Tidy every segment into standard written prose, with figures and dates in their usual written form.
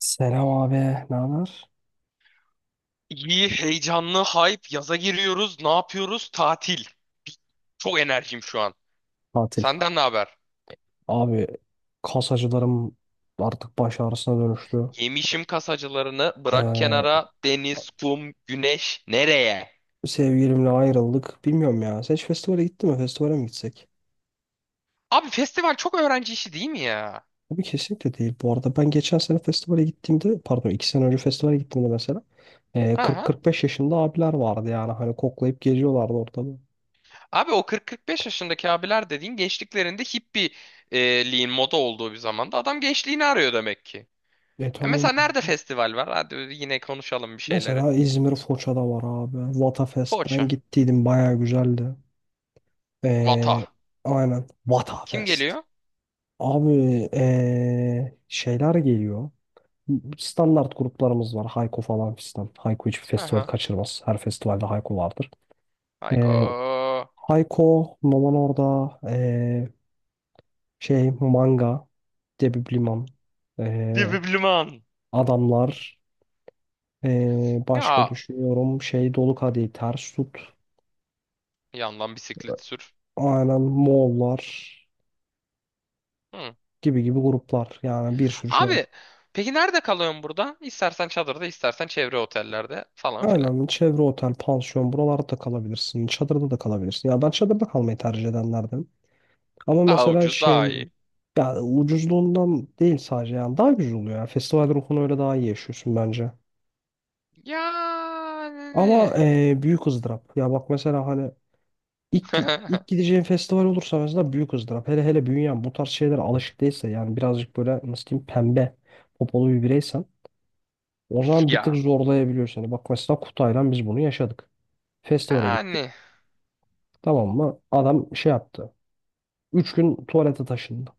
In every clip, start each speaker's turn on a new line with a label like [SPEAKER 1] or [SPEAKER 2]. [SPEAKER 1] Selam abi, ne haber?
[SPEAKER 2] İyi, heyecanlı, hype. Yaza giriyoruz. Ne yapıyoruz? Tatil. Çok enerjim şu an.
[SPEAKER 1] Tatil.
[SPEAKER 2] Senden ne haber?
[SPEAKER 1] Abi, kas acılarım artık baş ağrısına dönüştü.
[SPEAKER 2] Yemişim kasacılarını. Bırak
[SPEAKER 1] Ee,
[SPEAKER 2] kenara. Deniz, kum, güneş. Nereye?
[SPEAKER 1] sevgilimle ayrıldık. Bilmiyorum ya. Sen hiç festivale gittin mi? Festivale mi gitsek?
[SPEAKER 2] Abi festival çok öğrenci işi değil mi ya?
[SPEAKER 1] Abi kesinlikle değil. Bu arada ben geçen sene festivale gittiğimde, pardon, 2 sene önce festivale gittiğimde mesela
[SPEAKER 2] Ha.
[SPEAKER 1] 40-45 yaşında abiler vardı yani. Hani koklayıp geziyorlardı ortamı.
[SPEAKER 2] Abi o 40-45 yaşındaki abiler dediğin gençliklerinde hippieliğin moda olduğu bir zamanda adam gençliğini arıyor demek ki.
[SPEAKER 1] E
[SPEAKER 2] E
[SPEAKER 1] tamam.
[SPEAKER 2] mesela nerede festival var? Hadi yine konuşalım bir şeyleri.
[SPEAKER 1] Mesela İzmir Foça'da var abi. Vatafest. Ben
[SPEAKER 2] Foça.
[SPEAKER 1] gittiydim. Bayağı güzeldi.
[SPEAKER 2] Vata.
[SPEAKER 1] Ee, aynen.
[SPEAKER 2] Kim
[SPEAKER 1] Vatafest.
[SPEAKER 2] geliyor?
[SPEAKER 1] Abi şeyler geliyor. Standart gruplarımız var. Hayko falan fistan. Hayko hiçbir festival
[SPEAKER 2] Aha.
[SPEAKER 1] kaçırmaz. Her festivalde Hayko vardır. Eee
[SPEAKER 2] Hayko.
[SPEAKER 1] Hayko, Noman Orada, şey Manga, Debi Bliman, eee,
[SPEAKER 2] Dibibliman.
[SPEAKER 1] Adamlar, başka
[SPEAKER 2] Ya
[SPEAKER 1] düşünüyorum. Şey Dolu Kadehi, Ters Tut,
[SPEAKER 2] yandan bisiklet sür.
[SPEAKER 1] aynen Moğollar
[SPEAKER 2] Hı.
[SPEAKER 1] gibi gibi gruplar. Yani bir sürü şey.
[SPEAKER 2] Abi peki nerede kalıyorsun burada? İstersen çadırda, istersen çevre otellerde falan filan.
[SPEAKER 1] Aynen, çevre otel, pansiyon buralarda da kalabilirsin. Çadırda da kalabilirsin. Ya ben çadırda kalmayı tercih edenlerden. Ama
[SPEAKER 2] Daha
[SPEAKER 1] mesela
[SPEAKER 2] ucuz,
[SPEAKER 1] şey,
[SPEAKER 2] daha iyi.
[SPEAKER 1] ya ucuzluğundan değil sadece, yani daha güzel oluyor ya. Festival ruhunu öyle daha iyi yaşıyorsun bence.
[SPEAKER 2] Yani.
[SPEAKER 1] Ama büyük ızdırap. Ya bak mesela hani ilk gideceğin festival olursa mesela büyük ızdırap. Hele hele bünyen bu tarz şeylere alışık değilse, yani birazcık böyle nasıl diyeyim, pembe popolu bir bireysen, o zaman bir tık
[SPEAKER 2] Ya.
[SPEAKER 1] zorlayabiliyor seni. Bak mesela Kutay'la biz bunu yaşadık. Festivale gittik.
[SPEAKER 2] Yani.
[SPEAKER 1] Tamam mı? Adam şey yaptı. 3 gün tuvalete taşındı.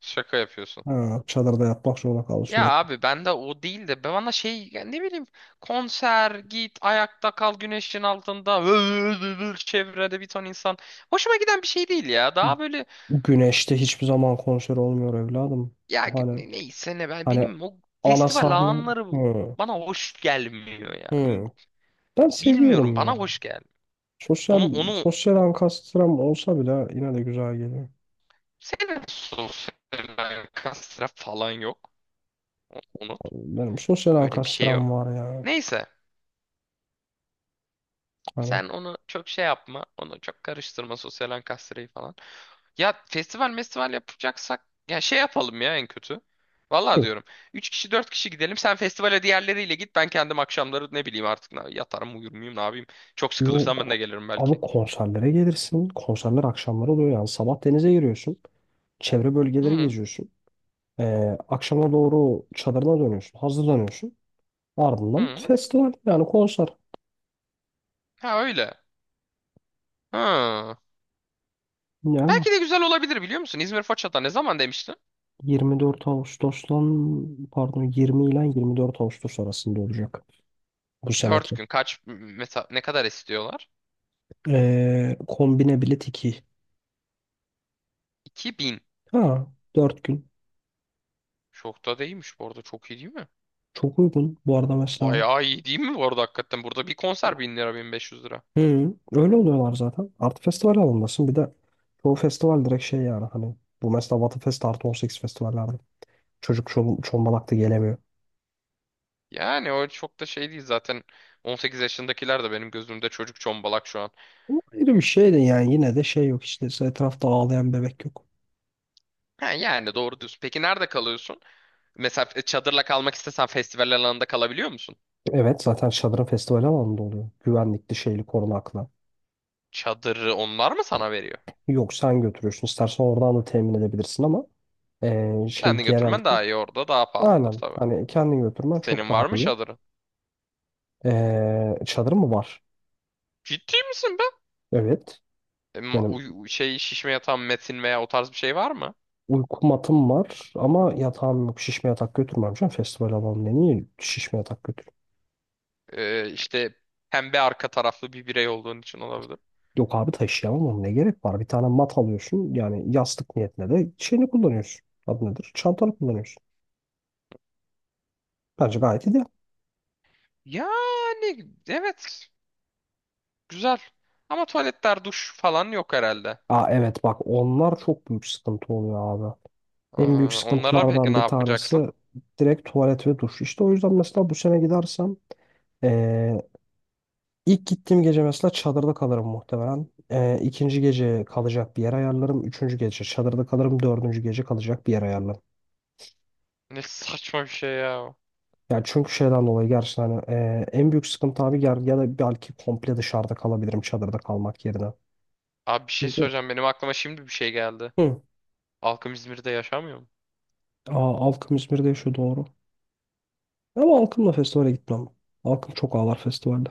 [SPEAKER 2] Şaka yapıyorsun.
[SPEAKER 1] Ha, çadırda yatmak zorunda kaldı
[SPEAKER 2] Ya
[SPEAKER 1] sürekli.
[SPEAKER 2] abi ben de o değil de ben bana şey ya ne bileyim konser git ayakta kal güneşin altında çevrede bir ton insan. Hoşuma giden bir şey değil ya. Daha böyle.
[SPEAKER 1] Güneşte hiçbir zaman konser olmuyor evladım.
[SPEAKER 2] Ya
[SPEAKER 1] Hani
[SPEAKER 2] neyse ne ben
[SPEAKER 1] hani
[SPEAKER 2] benim o
[SPEAKER 1] ana
[SPEAKER 2] festival
[SPEAKER 1] sahne.
[SPEAKER 2] alanları
[SPEAKER 1] Hı,
[SPEAKER 2] bana hoş gelmiyor ya.
[SPEAKER 1] hı. Ben
[SPEAKER 2] Bilmiyorum
[SPEAKER 1] seviyorum
[SPEAKER 2] bana
[SPEAKER 1] ya.
[SPEAKER 2] hoş gelmiyor. Onu
[SPEAKER 1] Sosyal
[SPEAKER 2] onu
[SPEAKER 1] sosyal ankastram olsa bile yine de güzel geliyor.
[SPEAKER 2] senin sosyal kastra falan yok. Unut.
[SPEAKER 1] Benim sosyal
[SPEAKER 2] Öyle bir şey yok.
[SPEAKER 1] ankastram var ya.
[SPEAKER 2] Neyse
[SPEAKER 1] Hani,
[SPEAKER 2] sen onu çok şey yapma. Onu çok karıştırma sosyal kastrayı falan. Ya festival festival yapacaksak ya şey yapalım ya en kötü. Vallahi
[SPEAKER 1] yok,
[SPEAKER 2] diyorum. 3 kişi 4 kişi gidelim. Sen festivale diğerleriyle git. Ben kendim akşamları ne bileyim artık yatarım uyur muyum ne yapayım. Çok sıkılırsam ben de
[SPEAKER 1] yok.
[SPEAKER 2] gelirim
[SPEAKER 1] Abi
[SPEAKER 2] belki.
[SPEAKER 1] konserlere gelirsin. Konserler akşamları oluyor yani. Sabah denize giriyorsun. Çevre bölgeleri
[SPEAKER 2] Hı
[SPEAKER 1] geziyorsun. Akşama doğru çadırına dönüyorsun, hazırlanıyorsun. Ardından
[SPEAKER 2] hı.
[SPEAKER 1] festival yani konser.
[SPEAKER 2] Ha öyle. Hı.
[SPEAKER 1] Yani
[SPEAKER 2] Belki de güzel olabilir biliyor musun? İzmir Foça'da ne zaman demiştin?
[SPEAKER 1] 24 Ağustos'tan, pardon, 20 ile 24 Ağustos arasında olacak bu
[SPEAKER 2] Dört
[SPEAKER 1] seneki.
[SPEAKER 2] gün kaç mesela ne kadar istiyorlar?
[SPEAKER 1] Kombine bilet iki.
[SPEAKER 2] 2.000.
[SPEAKER 1] Ha, 4 gün.
[SPEAKER 2] Çok da değilmiş bu arada çok iyi değil mi?
[SPEAKER 1] Çok uygun. Bu arada mesela.
[SPEAKER 2] Bayağı iyi değil mi bu arada hakikaten? Burada bir konser 1.000 lira 1.500 lira.
[SPEAKER 1] Hı, öyle oluyorlar zaten. Artı festival alındasın. Bir de çoğu festival direkt şey, yani hani bu mesela Batı Fest artı 18 festivallerde. Çocuk çomalak gelemiyor.
[SPEAKER 2] Yani o çok da şey değil zaten 18 yaşındakiler de benim gözümde çocuk çombalak şu an.
[SPEAKER 1] Bu ayrı bir şey de, yani yine de şey yok işte, etrafta ağlayan bebek yok.
[SPEAKER 2] Ha, yani doğru diyorsun. Peki nerede kalıyorsun? Mesela çadırla kalmak istesen festival alanında kalabiliyor musun?
[SPEAKER 1] Evet, zaten Şadır'ın festival alanında oluyor. Güvenlikli, şeyli, korunaklı.
[SPEAKER 2] Çadırı onlar mı sana veriyor?
[SPEAKER 1] Yok, sen götürüyorsun. İstersen oradan da temin edebilirsin ama şey
[SPEAKER 2] Kendin götürmen
[SPEAKER 1] genellikle
[SPEAKER 2] daha iyi orada daha pahalıdır
[SPEAKER 1] aynen,
[SPEAKER 2] tabii.
[SPEAKER 1] hani kendin götürmen çok
[SPEAKER 2] Senin
[SPEAKER 1] daha
[SPEAKER 2] var mı
[SPEAKER 1] iyi.
[SPEAKER 2] çadırın?
[SPEAKER 1] Çadırın mı var?
[SPEAKER 2] Ciddi misin be?
[SPEAKER 1] Evet. Benim
[SPEAKER 2] Şey şişme yatağın metin veya o tarz bir şey var mı?
[SPEAKER 1] uyku matım var ama yatağım yok. Şişme yatak götürmem canım. Festival alanında niye şişme yatak?
[SPEAKER 2] İşte pembe arka taraflı bir birey olduğun için olabilir.
[SPEAKER 1] Yok abi, taşıyamam oğlum, ne gerek var? Bir tane mat alıyorsun, yani yastık niyetine de şeyini kullanıyorsun. Adı nedir? Çantanı kullanıyorsun. Bence gayet iyi.
[SPEAKER 2] Yani evet güzel. Ama tuvaletler, duş falan yok herhalde.
[SPEAKER 1] Aa, evet, bak onlar çok büyük sıkıntı oluyor abi. En büyük
[SPEAKER 2] Aa, onlara peki
[SPEAKER 1] sıkıntılardan
[SPEAKER 2] ne
[SPEAKER 1] bir tanesi
[SPEAKER 2] yapacaksın?
[SPEAKER 1] direkt tuvalet ve duş. İşte o yüzden mesela bu sene gidersem eee, ilk gittiğim gece mesela çadırda kalırım muhtemelen. İkinci gece kalacak bir yer ayarlarım. Üçüncü gece çadırda kalırım. Dördüncü gece kalacak bir yer ayarlarım.
[SPEAKER 2] Ne saçma bir şey ya.
[SPEAKER 1] Ya çünkü şeyden dolayı gerçekten hani, en büyük sıkıntı abi ger, ya da belki komple dışarıda kalabilirim çadırda kalmak yerine.
[SPEAKER 2] Abi bir şey
[SPEAKER 1] Çünkü
[SPEAKER 2] söyleyeceğim. Benim aklıma şimdi bir şey geldi.
[SPEAKER 1] hı.
[SPEAKER 2] Halkım İzmir'de yaşamıyor mu?
[SPEAKER 1] Aa, Alkım İzmir'de yaşıyor, doğru. Ama Alkım'la festivale gitmem. Alkım çok ağlar festivalde.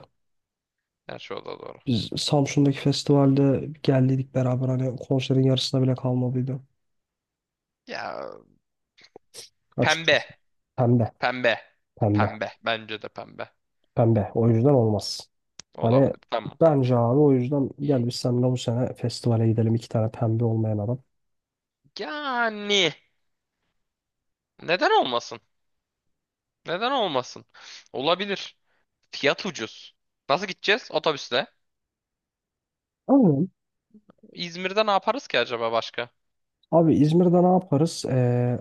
[SPEAKER 2] Gerçi o da doğru.
[SPEAKER 1] Biz Samsun'daki festivalde geldiydik beraber, hani konserin yarısına bile kalmadıydı.
[SPEAKER 2] Ya pembe.
[SPEAKER 1] Açıkçası. Pembe.
[SPEAKER 2] Pembe.
[SPEAKER 1] Pembe.
[SPEAKER 2] Pembe. Bence de pembe.
[SPEAKER 1] Pembe. O yüzden olmaz. Hani
[SPEAKER 2] Olabilir. Tamam.
[SPEAKER 1] bence abi o yüzden gel biz seninle bu sene festivale gidelim, iki tane pembe olmayan adam.
[SPEAKER 2] Yani neden olmasın? Neden olmasın? Olabilir. Fiyat ucuz. Nasıl gideceğiz? Otobüsle.
[SPEAKER 1] Aynen.
[SPEAKER 2] İzmir'de ne yaparız ki acaba başka?
[SPEAKER 1] Abi İzmir'de ne yaparız? Ee,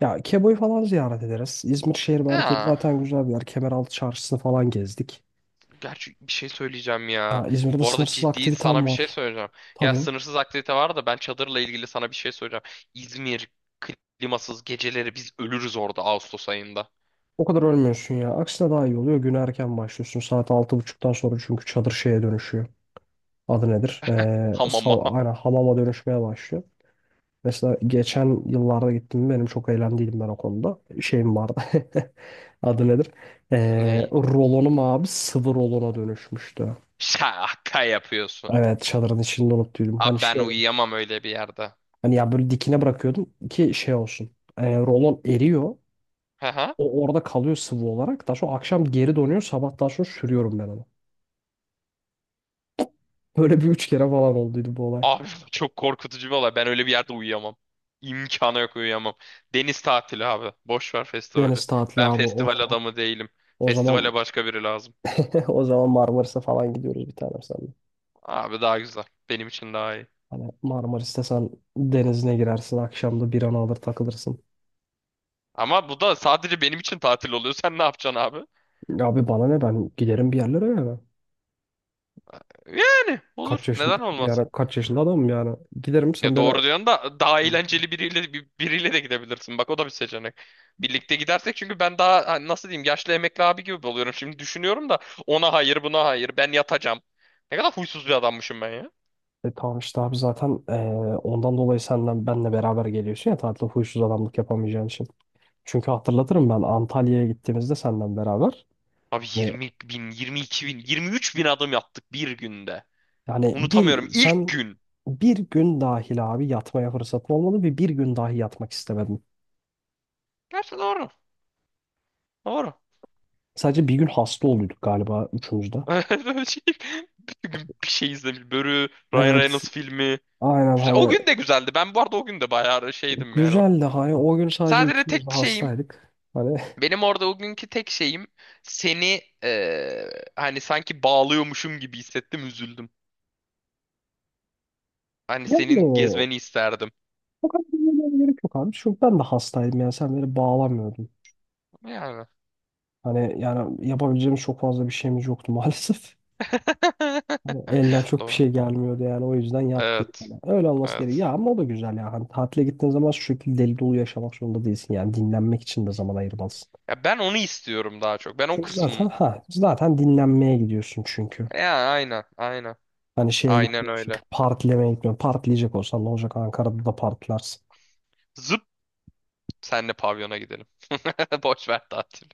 [SPEAKER 1] Ya Kebo'yu falan ziyaret ederiz. İzmir şehir merkezi
[SPEAKER 2] Ha.
[SPEAKER 1] zaten güzel bir yer. Kemeraltı çarşısını falan gezdik.
[SPEAKER 2] Gerçi bir şey söyleyeceğim
[SPEAKER 1] Ya
[SPEAKER 2] ya.
[SPEAKER 1] İzmir'de
[SPEAKER 2] Bu arada
[SPEAKER 1] sınırsız
[SPEAKER 2] ciddi sana
[SPEAKER 1] aktivitem
[SPEAKER 2] bir şey
[SPEAKER 1] var.
[SPEAKER 2] söyleyeceğim. Ya
[SPEAKER 1] Tabii.
[SPEAKER 2] sınırsız aktivite var da ben çadırla ilgili sana bir şey söyleyeceğim. İzmir klimasız geceleri biz ölürüz orada Ağustos ayında.
[SPEAKER 1] O kadar ölmüyorsun ya. Aksine daha iyi oluyor. Güne erken başlıyorsun. Saat altı buçuktan sonra çünkü çadır şeye dönüşüyor. Adı nedir? Ee,
[SPEAKER 2] Hamama.
[SPEAKER 1] sav- aynen hamama dönüşmeye başlıyor. Mesela geçen yıllarda gittim. Benim çok eğlendiydim ben o konuda. Şeyim vardı. Adı nedir? Ee,
[SPEAKER 2] Ney?
[SPEAKER 1] rolonum abi, sıvı rolona dönüşmüştü.
[SPEAKER 2] Şaka yapıyorsun.
[SPEAKER 1] Evet, çadırın içinde unuttuydum. Hani
[SPEAKER 2] Abi ben
[SPEAKER 1] şey.
[SPEAKER 2] uyuyamam öyle bir yerde.
[SPEAKER 1] Hani ya, böyle dikine bırakıyordum ki şey olsun. E, rolon eriyor.
[SPEAKER 2] Hı hı.
[SPEAKER 1] O orada kalıyor sıvı olarak. Daha sonra akşam geri donuyor. Sabah daha sonra sürüyorum ben onu. Böyle bir 3 kere falan olduydu bu olay.
[SPEAKER 2] Abi çok korkutucu bir olay. Ben öyle bir yerde uyuyamam. İmkanı yok uyuyamam. Deniz tatili abi. Boş ver festivali.
[SPEAKER 1] Deniz tatili
[SPEAKER 2] Ben
[SPEAKER 1] abi. O
[SPEAKER 2] festival
[SPEAKER 1] zaman
[SPEAKER 2] adamı değilim.
[SPEAKER 1] o zaman
[SPEAKER 2] Festivale başka biri lazım.
[SPEAKER 1] o zaman Marmaris'e falan gidiyoruz bir tanem senle.
[SPEAKER 2] Abi daha güzel. Benim için daha iyi.
[SPEAKER 1] Hani Marmaris'te sen denizine girersin. Akşamda bir an alır takılırsın.
[SPEAKER 2] Ama bu da sadece benim için tatil oluyor. Sen ne yapacaksın abi?
[SPEAKER 1] Abi bana ne, ben giderim bir yerlere yani.
[SPEAKER 2] Yani
[SPEAKER 1] Kaç
[SPEAKER 2] olur.
[SPEAKER 1] yaşında,
[SPEAKER 2] Neden
[SPEAKER 1] yani
[SPEAKER 2] olmasın?
[SPEAKER 1] kaç yaşında adamım yani. Giderim, sen
[SPEAKER 2] Ya
[SPEAKER 1] bana.
[SPEAKER 2] doğru diyorsun da daha eğlenceli biriyle biriyle de gidebilirsin. Bak o da bir seçenek. Birlikte gidersek çünkü ben daha hani nasıl diyeyim yaşlı emekli abi gibi oluyorum. Şimdi düşünüyorum da ona hayır buna hayır ben yatacağım. Ne kadar huysuz bir adammışım ben ya.
[SPEAKER 1] E tamam işte abi, zaten ondan dolayı senden benle beraber geliyorsun ya, tatilde huysuz adamlık yapamayacağın için. Çünkü hatırlatırım, ben Antalya'ya gittiğimizde senden beraber.
[SPEAKER 2] Abi
[SPEAKER 1] Yani,
[SPEAKER 2] 20 bin, 22 bin, 23 bin adım yaptık bir günde.
[SPEAKER 1] yani,
[SPEAKER 2] Unutamıyorum
[SPEAKER 1] bir
[SPEAKER 2] ilk
[SPEAKER 1] sen
[SPEAKER 2] gün.
[SPEAKER 1] bir gün dahil abi yatmaya fırsatın olmadı ve bir gün dahi yatmak istemedim.
[SPEAKER 2] Gerçi doğru. Doğru.
[SPEAKER 1] Sadece bir gün hasta oluyorduk galiba üçümüz de.
[SPEAKER 2] Şey, bütün gün bir şey izlemiş. Börü, Ryan
[SPEAKER 1] Evet,
[SPEAKER 2] Reynolds filmi.
[SPEAKER 1] aynen,
[SPEAKER 2] Güzel. O
[SPEAKER 1] hani
[SPEAKER 2] gün de güzeldi. Ben bu arada o gün de bayağı şeydim yani. O.
[SPEAKER 1] güzeldi, hani o gün sadece
[SPEAKER 2] Sadece
[SPEAKER 1] üçümüz de
[SPEAKER 2] tek şeyim
[SPEAKER 1] hastaydık. Hani,
[SPEAKER 2] benim orada o günkü tek şeyim seni hani sanki bağlıyormuşum gibi hissettim üzüldüm. Hani
[SPEAKER 1] yani
[SPEAKER 2] senin gezmeni isterdim.
[SPEAKER 1] o kadar da gerek yok abi, çünkü ben de hastaydım, yani sen beni bağlamıyordun.
[SPEAKER 2] Yani.
[SPEAKER 1] Hani yani yapabileceğim çok fazla bir şeyimiz yoktu maalesef. Hani elden çok bir
[SPEAKER 2] Doğru.
[SPEAKER 1] şey gelmiyordu yani, o yüzden yattı.
[SPEAKER 2] Evet.
[SPEAKER 1] Yani öyle olması gerekiyor.
[SPEAKER 2] Evet.
[SPEAKER 1] Ya ama o da güzel ya. Hani tatile gittiğin zaman şu şekilde deli dolu yaşamak zorunda değilsin. Yani dinlenmek için de zaman ayırmalısın.
[SPEAKER 2] Ya ben onu istiyorum daha çok. Ben o
[SPEAKER 1] Çünkü zaten
[SPEAKER 2] kısmı.
[SPEAKER 1] ha zaten dinlenmeye gidiyorsun çünkü.
[SPEAKER 2] Ya aynen. Aynen.
[SPEAKER 1] Hani şeye
[SPEAKER 2] Aynen
[SPEAKER 1] gitmiyorsun.
[SPEAKER 2] öyle.
[SPEAKER 1] Partilemeye gitmiyorsun. Partileyecek olsan ne olacak, Ankara'da da partilersin.
[SPEAKER 2] Zıp senle pavyona gidelim. Boş ver tatil.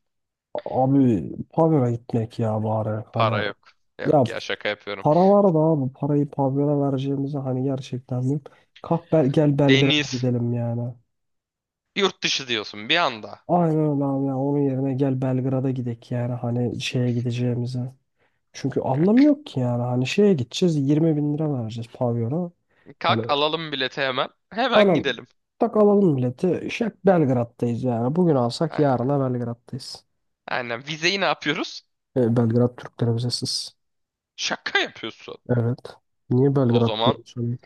[SPEAKER 1] Abi pavyona gitmek ya bari. Hani
[SPEAKER 2] Para yok.
[SPEAKER 1] ya,
[SPEAKER 2] Yok ya şaka yapıyorum.
[SPEAKER 1] para var da abi, parayı pavyona vereceğimize hani gerçekten mi? Kalk, gel Belgrad'a
[SPEAKER 2] Deniz.
[SPEAKER 1] gidelim yani.
[SPEAKER 2] Yurt dışı diyorsun bir anda.
[SPEAKER 1] Aynen öyle abi ya. Onun yerine gel Belgrad'a gidek yani, hani şeye gideceğimize. Çünkü anlamı yok ki, yani hani şeye gideceğiz 20 bin lira vereceğiz pavyona. Hani
[SPEAKER 2] Kalk alalım bileti hemen. Hemen
[SPEAKER 1] anam,
[SPEAKER 2] gidelim.
[SPEAKER 1] tak alalım bileti. Şak, Belgrad'dayız yani. Bugün alsak
[SPEAKER 2] Aynen.
[SPEAKER 1] yarına Belgrad'dayız.
[SPEAKER 2] Aynen. Vizeyi ne yapıyoruz?
[SPEAKER 1] E, Belgrad Türklerimize siz.
[SPEAKER 2] Şaka yapıyorsun.
[SPEAKER 1] Evet. Niye
[SPEAKER 2] O
[SPEAKER 1] Belgrad
[SPEAKER 2] zaman
[SPEAKER 1] diyorsun?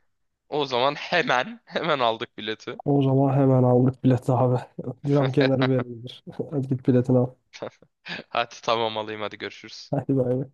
[SPEAKER 2] o zaman hemen hemen aldık bileti.
[SPEAKER 1] O zaman hemen aldık bileti abi. Cam kenarı verildir. Hadi git biletini al.
[SPEAKER 2] Hadi tamam alayım hadi görüşürüz.
[SPEAKER 1] Hadi bay bay.